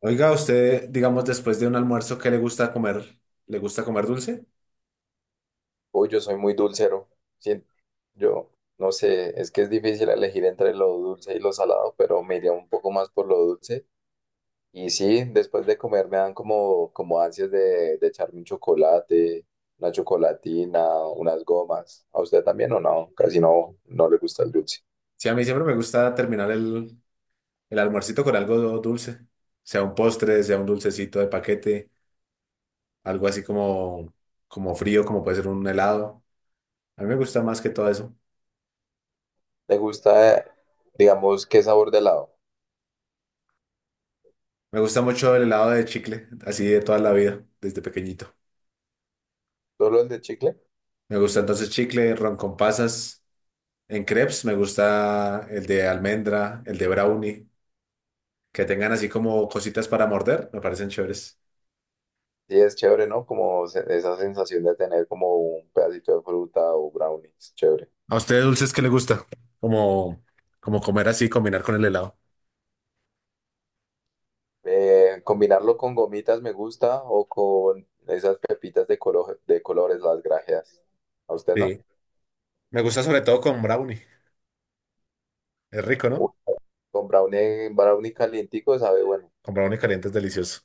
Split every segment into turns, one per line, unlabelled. Oiga, usted, digamos, después de un almuerzo, ¿qué le gusta comer? ¿Le gusta comer dulce?
Uy, yo soy muy dulcero. Sien- yo no sé, es que es difícil elegir entre lo dulce y lo salado, pero me iría un poco más por lo dulce. Y sí, después de comer me dan como ansias de echarme un chocolate, una chocolatina, unas gomas. ¿A usted también o no? Casi no le gusta el dulce.
Sí, a mí siempre me gusta terminar el almuercito con algo dulce, sea un postre, sea un dulcecito de paquete, algo así como, como frío, como puede ser un helado. A mí me gusta más que todo eso.
¿Le gusta, digamos, qué sabor de helado?
Me gusta mucho el helado de chicle, así de toda la vida, desde pequeñito.
¿Solo el de chicle?
Me gusta entonces chicle, ron con pasas. En crepes me gusta el de almendra, el de brownie, que tengan así como cositas para morder, me parecen chéveres.
Sí, es chévere, ¿no? Como esa sensación de tener como un pedacito de fruta o brownies, chévere.
¿A usted de dulces qué le gusta? Como, como comer así, combinar con el helado.
Combinarlo con gomitas me gusta o con esas pepitas de, de colores, las grajeas. ¿A usted no?
Sí. Me gusta sobre todo con brownie. Es rico,
Uy,
¿no?
con brownie, brownie calientico sabe bueno.
Con brownie caliente es delicioso.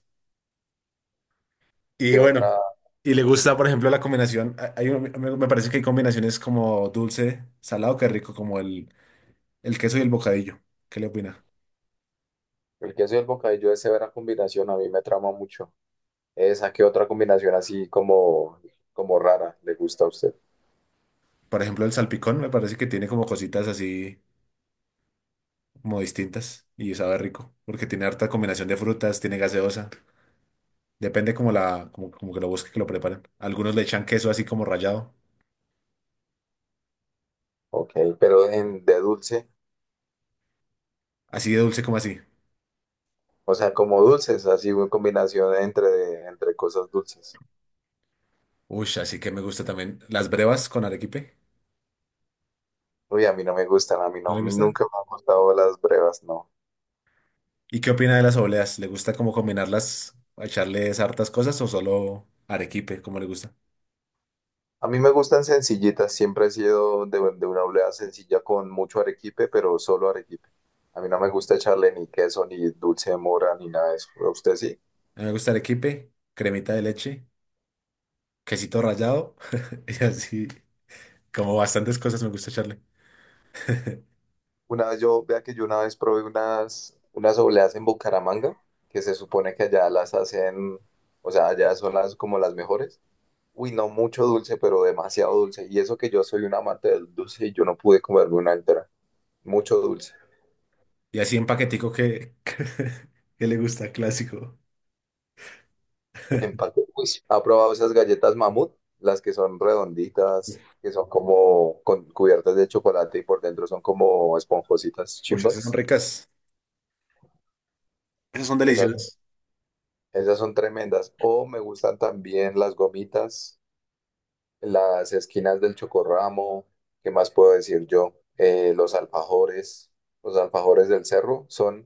Y
¿Qué
bueno,
otra?
y le gusta, por ejemplo, la combinación. Me parece que hay combinaciones como dulce, salado, que es rico, como el queso y el bocadillo. ¿Qué le opina?
El queso y el bocadillo es severa combinación, a mí me trama mucho. Esa, ¿qué otra combinación así como, como rara le gusta a usted?
Por ejemplo, el salpicón me parece que tiene como cositas así como distintas y sabe rico, porque tiene harta combinación de frutas, tiene gaseosa. Depende como como, como que lo busque, que lo preparen. Algunos le echan queso así como rallado.
Ok, pero en, de dulce,
Así de dulce como así.
o sea, como dulces, así una combinación entre, entre cosas dulces.
Uy, así que me gusta también. Las brevas con arequipe.
Uy, a mí no me gustan, a mí
¿No
no,
le gusta?
nunca me han gustado las brevas, no.
¿Y qué opina de las obleas? ¿Le gusta como combinarlas, echarles hartas cosas o solo arequipe? ¿Cómo le gusta?
A mí me gustan sencillitas, siempre he sido de una oleada sencilla con mucho arequipe, pero solo arequipe. A mí no me gusta echarle ni queso, ni dulce de mora, ni nada de eso. ¿A usted sí?
A mí me gusta arequipe, cremita de leche, quesito rallado y así como bastantes cosas me gusta echarle.
Una vez yo, vea que yo una vez probé unas, unas obleas en Bucaramanga, que se supone que allá las hacen, o sea, allá son las como las mejores. Uy, no mucho dulce, pero demasiado dulce. Y eso que yo soy un amante del dulce y yo no pude comerme una entera. Mucho dulce.
Y así en paquetico que, que le gusta, clásico.
Empate, juicio. ¿Ha probado esas galletas mamut? Las que son redonditas, que son como con cubiertas de chocolate y por dentro son como esponjositas
Uy, esas son
chimbas.
ricas. Esas son
Esas,
deliciosas.
esas son tremendas. O me gustan también las gomitas, las esquinas del chocorramo. ¿Qué más puedo decir yo? Los alfajores. Los alfajores del cerro son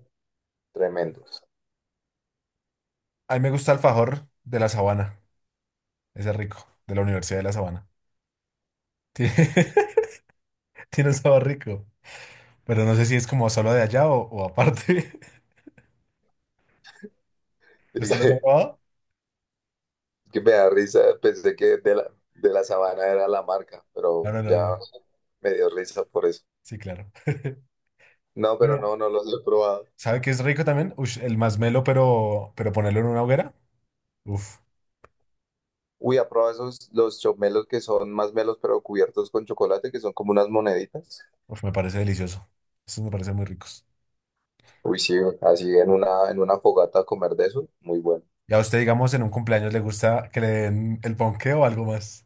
tremendos.
A mí me gusta el alfajor de la Sabana. Ese es rico, de la Universidad de la Sabana. Sí. Sí, no estaba rico. Pero no sé si es como solo de allá o aparte. ¿Usted lo ha
Que,
probado?
que me da risa. Pensé que de la sabana era la marca,
No,
pero
no, no,
ya
no.
me dio risa por eso.
Sí, claro.
No, pero
Bueno,
no, no los he probado.
¿sabe qué es rico también? Ush, el masmelo, pero ponerlo en una hoguera. Uf,
Uy, ha probado esos, los chopmelos que son más melos, pero cubiertos con chocolate, que son como unas moneditas.
uf, me parece delicioso. Esos me parecen muy ricos.
Uy, sí, así en una fogata comer de eso, muy bueno.
Y a usted, digamos, en un cumpleaños le gusta que le den el ponqué o algo más.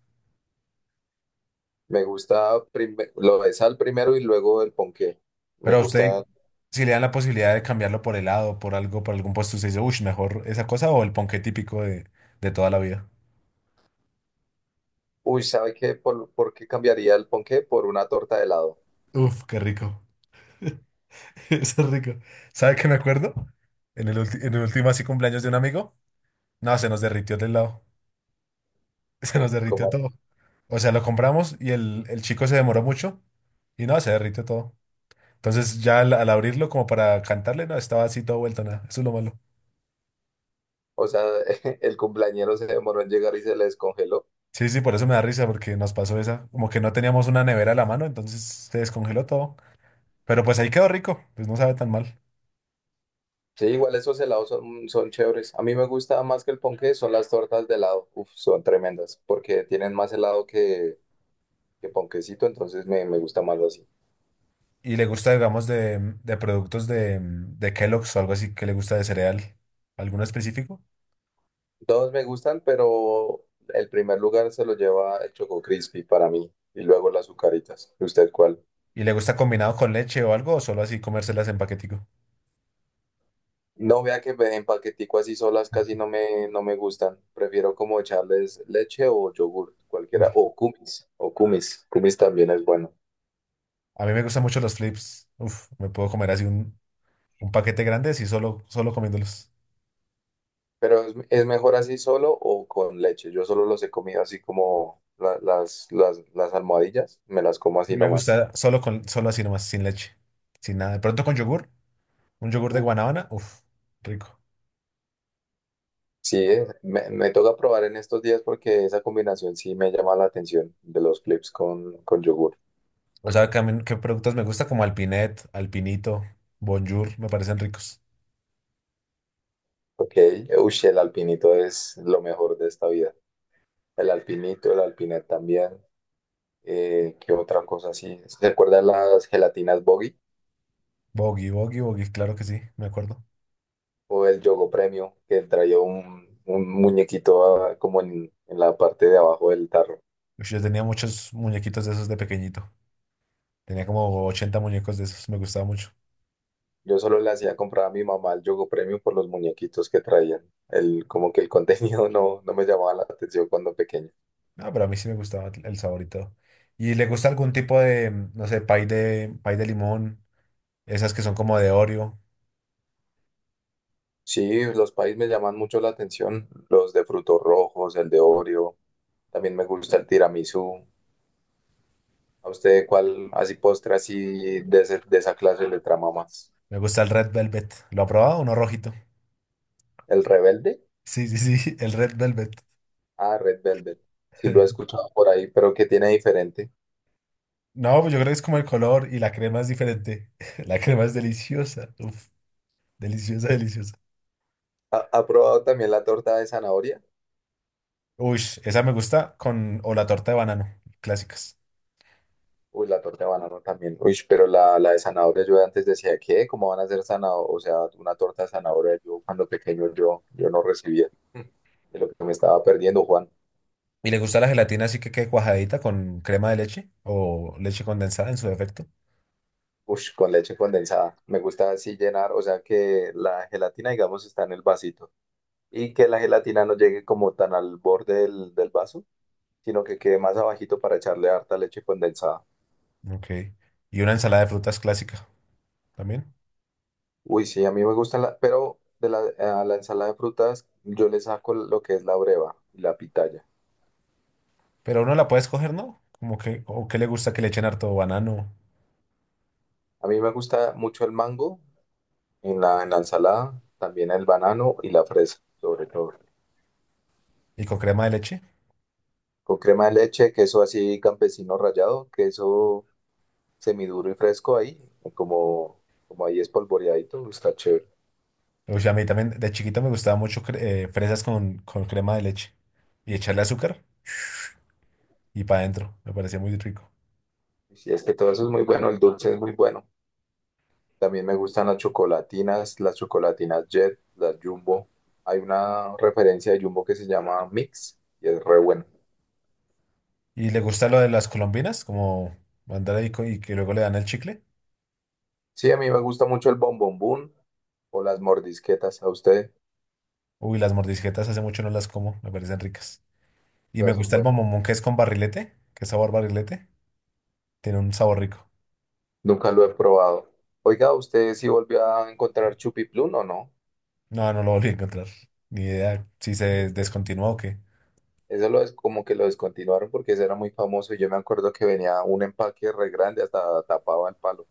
Me gusta lo de sal primero y luego el ponqué. Me
Pero a usted,
gusta,
si le dan la posibilidad de cambiarlo por helado, por algo, por algún postre, usted dice, uff, mejor esa cosa o el ponqué típico de toda la vida.
uy, ¿sabe qué? Por qué cambiaría el ponqué? Por una torta de helado.
Uf, qué rico. Eso es rico. ¿Sabe qué me acuerdo? En en el último así cumpleaños de un amigo, no, se nos derritió el helado. Se nos derritió
Como,
todo. O sea, lo compramos y el chico se demoró mucho y no, se derritió todo. Entonces ya al abrirlo como para cantarle, no, estaba así todo vuelto, nada. Eso es lo malo.
o sea, el cumpleañero se demoró en llegar y se le descongeló.
Sí, sí, por eso me da risa porque nos pasó esa. Como que no teníamos una nevera a la mano, entonces se descongeló todo. Pero pues ahí quedó rico, pues no sabe tan mal.
Sí, igual esos helados son, son chéveres. A mí me gusta más que el ponqué, son las tortas de helado. Uf, son tremendas, porque tienen más helado que ponquecito, entonces me gusta más así.
Y le gusta, digamos, de productos de Kellogg's o algo así que le gusta de cereal. ¿Alguno específico?
Todos me gustan, pero el primer lugar se lo lleva el Choco Crispy para mí, y luego las azucaritas. ¿Y usted cuál?
¿Y le gusta combinado con leche o algo o solo así comérselas en paquetico?
No vea que en paquetico así solas casi no me, no me gustan. Prefiero como echarles leche o yogur, cualquiera,
Uf,
o kumis, o kumis. Kumis también es bueno.
a mí me gustan mucho los flips. Uf, me puedo comer así un paquete grande así solo, solo comiéndolos.
Pero es mejor así solo o con leche. Yo solo los he comido así como las almohadillas, me las como así
Me
nomás.
gusta solo con, solo así nomás, sin leche, sin nada. De pronto con yogur, un yogur de
Uh,
guanábana, uf, rico.
Sí, me, me toca probar en estos días porque esa combinación sí me llama la atención de los clips con yogur.
O sea, que a mí, ¿qué productos me gusta? Como Alpinet, Alpinito, Bonjour, me parecen ricos.
Ok, uy, el alpinito es lo mejor de esta vida. El alpinito, el alpinet también. ¿Qué otra cosa así? ¿Se acuerdan las gelatinas Boggy?
Bogi, Bogi, Bogi, claro que sí, me acuerdo.
O el Yogo Premio, que traía un muñequito ah, como en la parte de abajo del tarro.
Uf, yo tenía muchos muñequitos de esos de pequeñito. Tenía como 80 muñecos de esos, me gustaba mucho.
Yo solo le hacía comprar a mi mamá el Yogo Premio por los muñequitos que traían. El, como que el contenido no, no me llamaba la atención cuando pequeño.
No, pero a mí sí me gustaba el saborito. ¿Y le gusta algún tipo de, no sé, pay de limón? Esas que son como de Oreo.
Sí, los país me llaman mucho la atención, los de frutos rojos, el de Oreo, también me gusta el tiramisú. ¿A usted cuál así postre así de, de esa clase le trama más?
Me gusta el Red Velvet. ¿Lo ha probado? Uno rojito.
¿El rebelde?
Sí, sí, sí, el Red Velvet.
Ah, Red Velvet. Sí lo he escuchado por ahí, pero ¿qué tiene diferente?
No, pues yo creo que es como el color y la crema es diferente. La crema es deliciosa. Uf, deliciosa, deliciosa.
¿Ha probado también la torta de zanahoria?
Uy, esa me gusta con, o la torta de banano, clásicas.
Uy, la torta de banano también. Uy, pero la de zanahoria yo antes decía, ¿qué? ¿Cómo van a hacer zanahoria? O sea, una torta de zanahoria yo cuando pequeño yo, yo no recibía. Mm. De lo que me estaba perdiendo, Juan.
¿Y le gusta la gelatina así que quede cuajadita con crema de leche o leche condensada en su defecto?
Ush, con leche condensada. Me gusta así llenar, o sea que la gelatina, digamos, está en el vasito. Y que la gelatina no llegue como tan al borde del, del vaso, sino que quede más abajito para echarle harta leche condensada.
Ok. Y una ensalada de frutas clásica. También.
Uy, sí, a mí me gusta la, pero de la, a la ensalada de frutas yo le saco lo que es la breva y la pitaya.
Pero uno la puede escoger, ¿no? Como que, o que le gusta que le echen harto banano
A mí me gusta mucho el mango en la ensalada, también el banano y la fresa, sobre todo.
y con crema de leche.
Con crema de leche, queso así campesino rallado, queso semiduro y fresco ahí, como, como ahí espolvoreadito, está chévere.
O sea, a mí también de chiquito me gustaba mucho fresas con crema de leche y echarle azúcar y para adentro. Me parecía muy rico.
Y sí, es que todo eso es muy bueno, el dulce es muy bueno. También me gustan las chocolatinas Jet, las Jumbo. Hay una referencia de Jumbo que se llama Mix y es re bueno.
¿Y le gusta lo de las colombinas? Como mandar y que luego le dan el chicle.
Sí, a mí me gusta mucho el bombombón o las mordisquetas. A usted
Uy, las mordisquetas hace mucho no las como, me parecen ricas. Y me
las son
gusta el
buenas.
mamomón que es con barrilete, que es sabor barrilete. Tiene un sabor rico.
Nunca lo he probado. Oiga, ¿usted sí volvió a encontrar Chupiplum o no?
No, no lo volví a encontrar. Ni idea si se descontinuó o qué.
Eso lo es como que lo descontinuaron porque ese era muy famoso y yo me acuerdo que venía un empaque re grande, hasta tapaba el palo.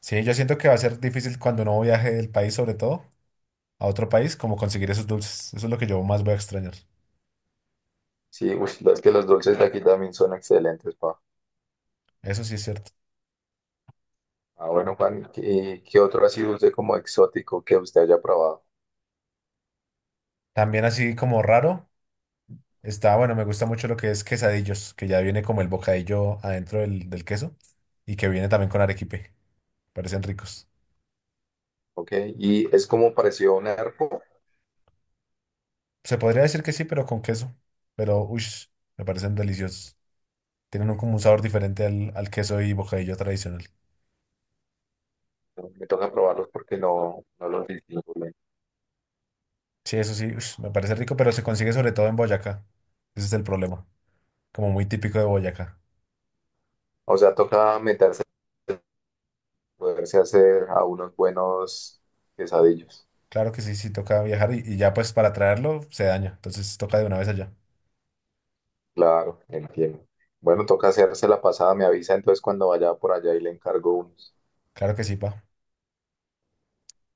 Sí, yo siento que va a ser difícil cuando uno viaje del país, sobre todo a otro país, como conseguir esos dulces. Eso es lo que yo más voy a extrañar.
Sí, uy, no, es que los dulces de aquí también son excelentes, pa.
Eso sí es cierto.
Ah, bueno, Juan, ¿qué otro ha sido usted como exótico que usted haya probado?
También así como raro, está, bueno, me gusta mucho lo que es quesadillos, que ya viene como el bocadillo adentro del queso y que viene también con arequipe. Parecen ricos.
¿Ok? Y es como parecido a un arco,
Se podría decir que sí, pero con queso. Pero, uy, me parecen deliciosos. Tienen un, como un sabor diferente al queso y bocadillo tradicional.
me toca probarlos porque no, no los distingo bien.
Sí, eso sí, ush, me parece rico, pero se consigue sobre todo en Boyacá. Ese es el problema. Como muy típico de Boyacá.
O sea, toca meterse, poderse hacer a unos buenos quesadillos.
Claro que sí, sí toca viajar y ya pues para traerlo se daña. Entonces toca de una vez allá.
Claro, entiendo. Bueno, toca hacerse la pasada, me avisa entonces cuando vaya por allá y le encargo unos.
Claro que sí, pa.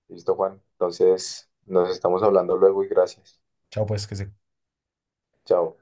¿Listo, Juan? Entonces, nos estamos hablando luego y gracias.
Chao pues, que se
Chao.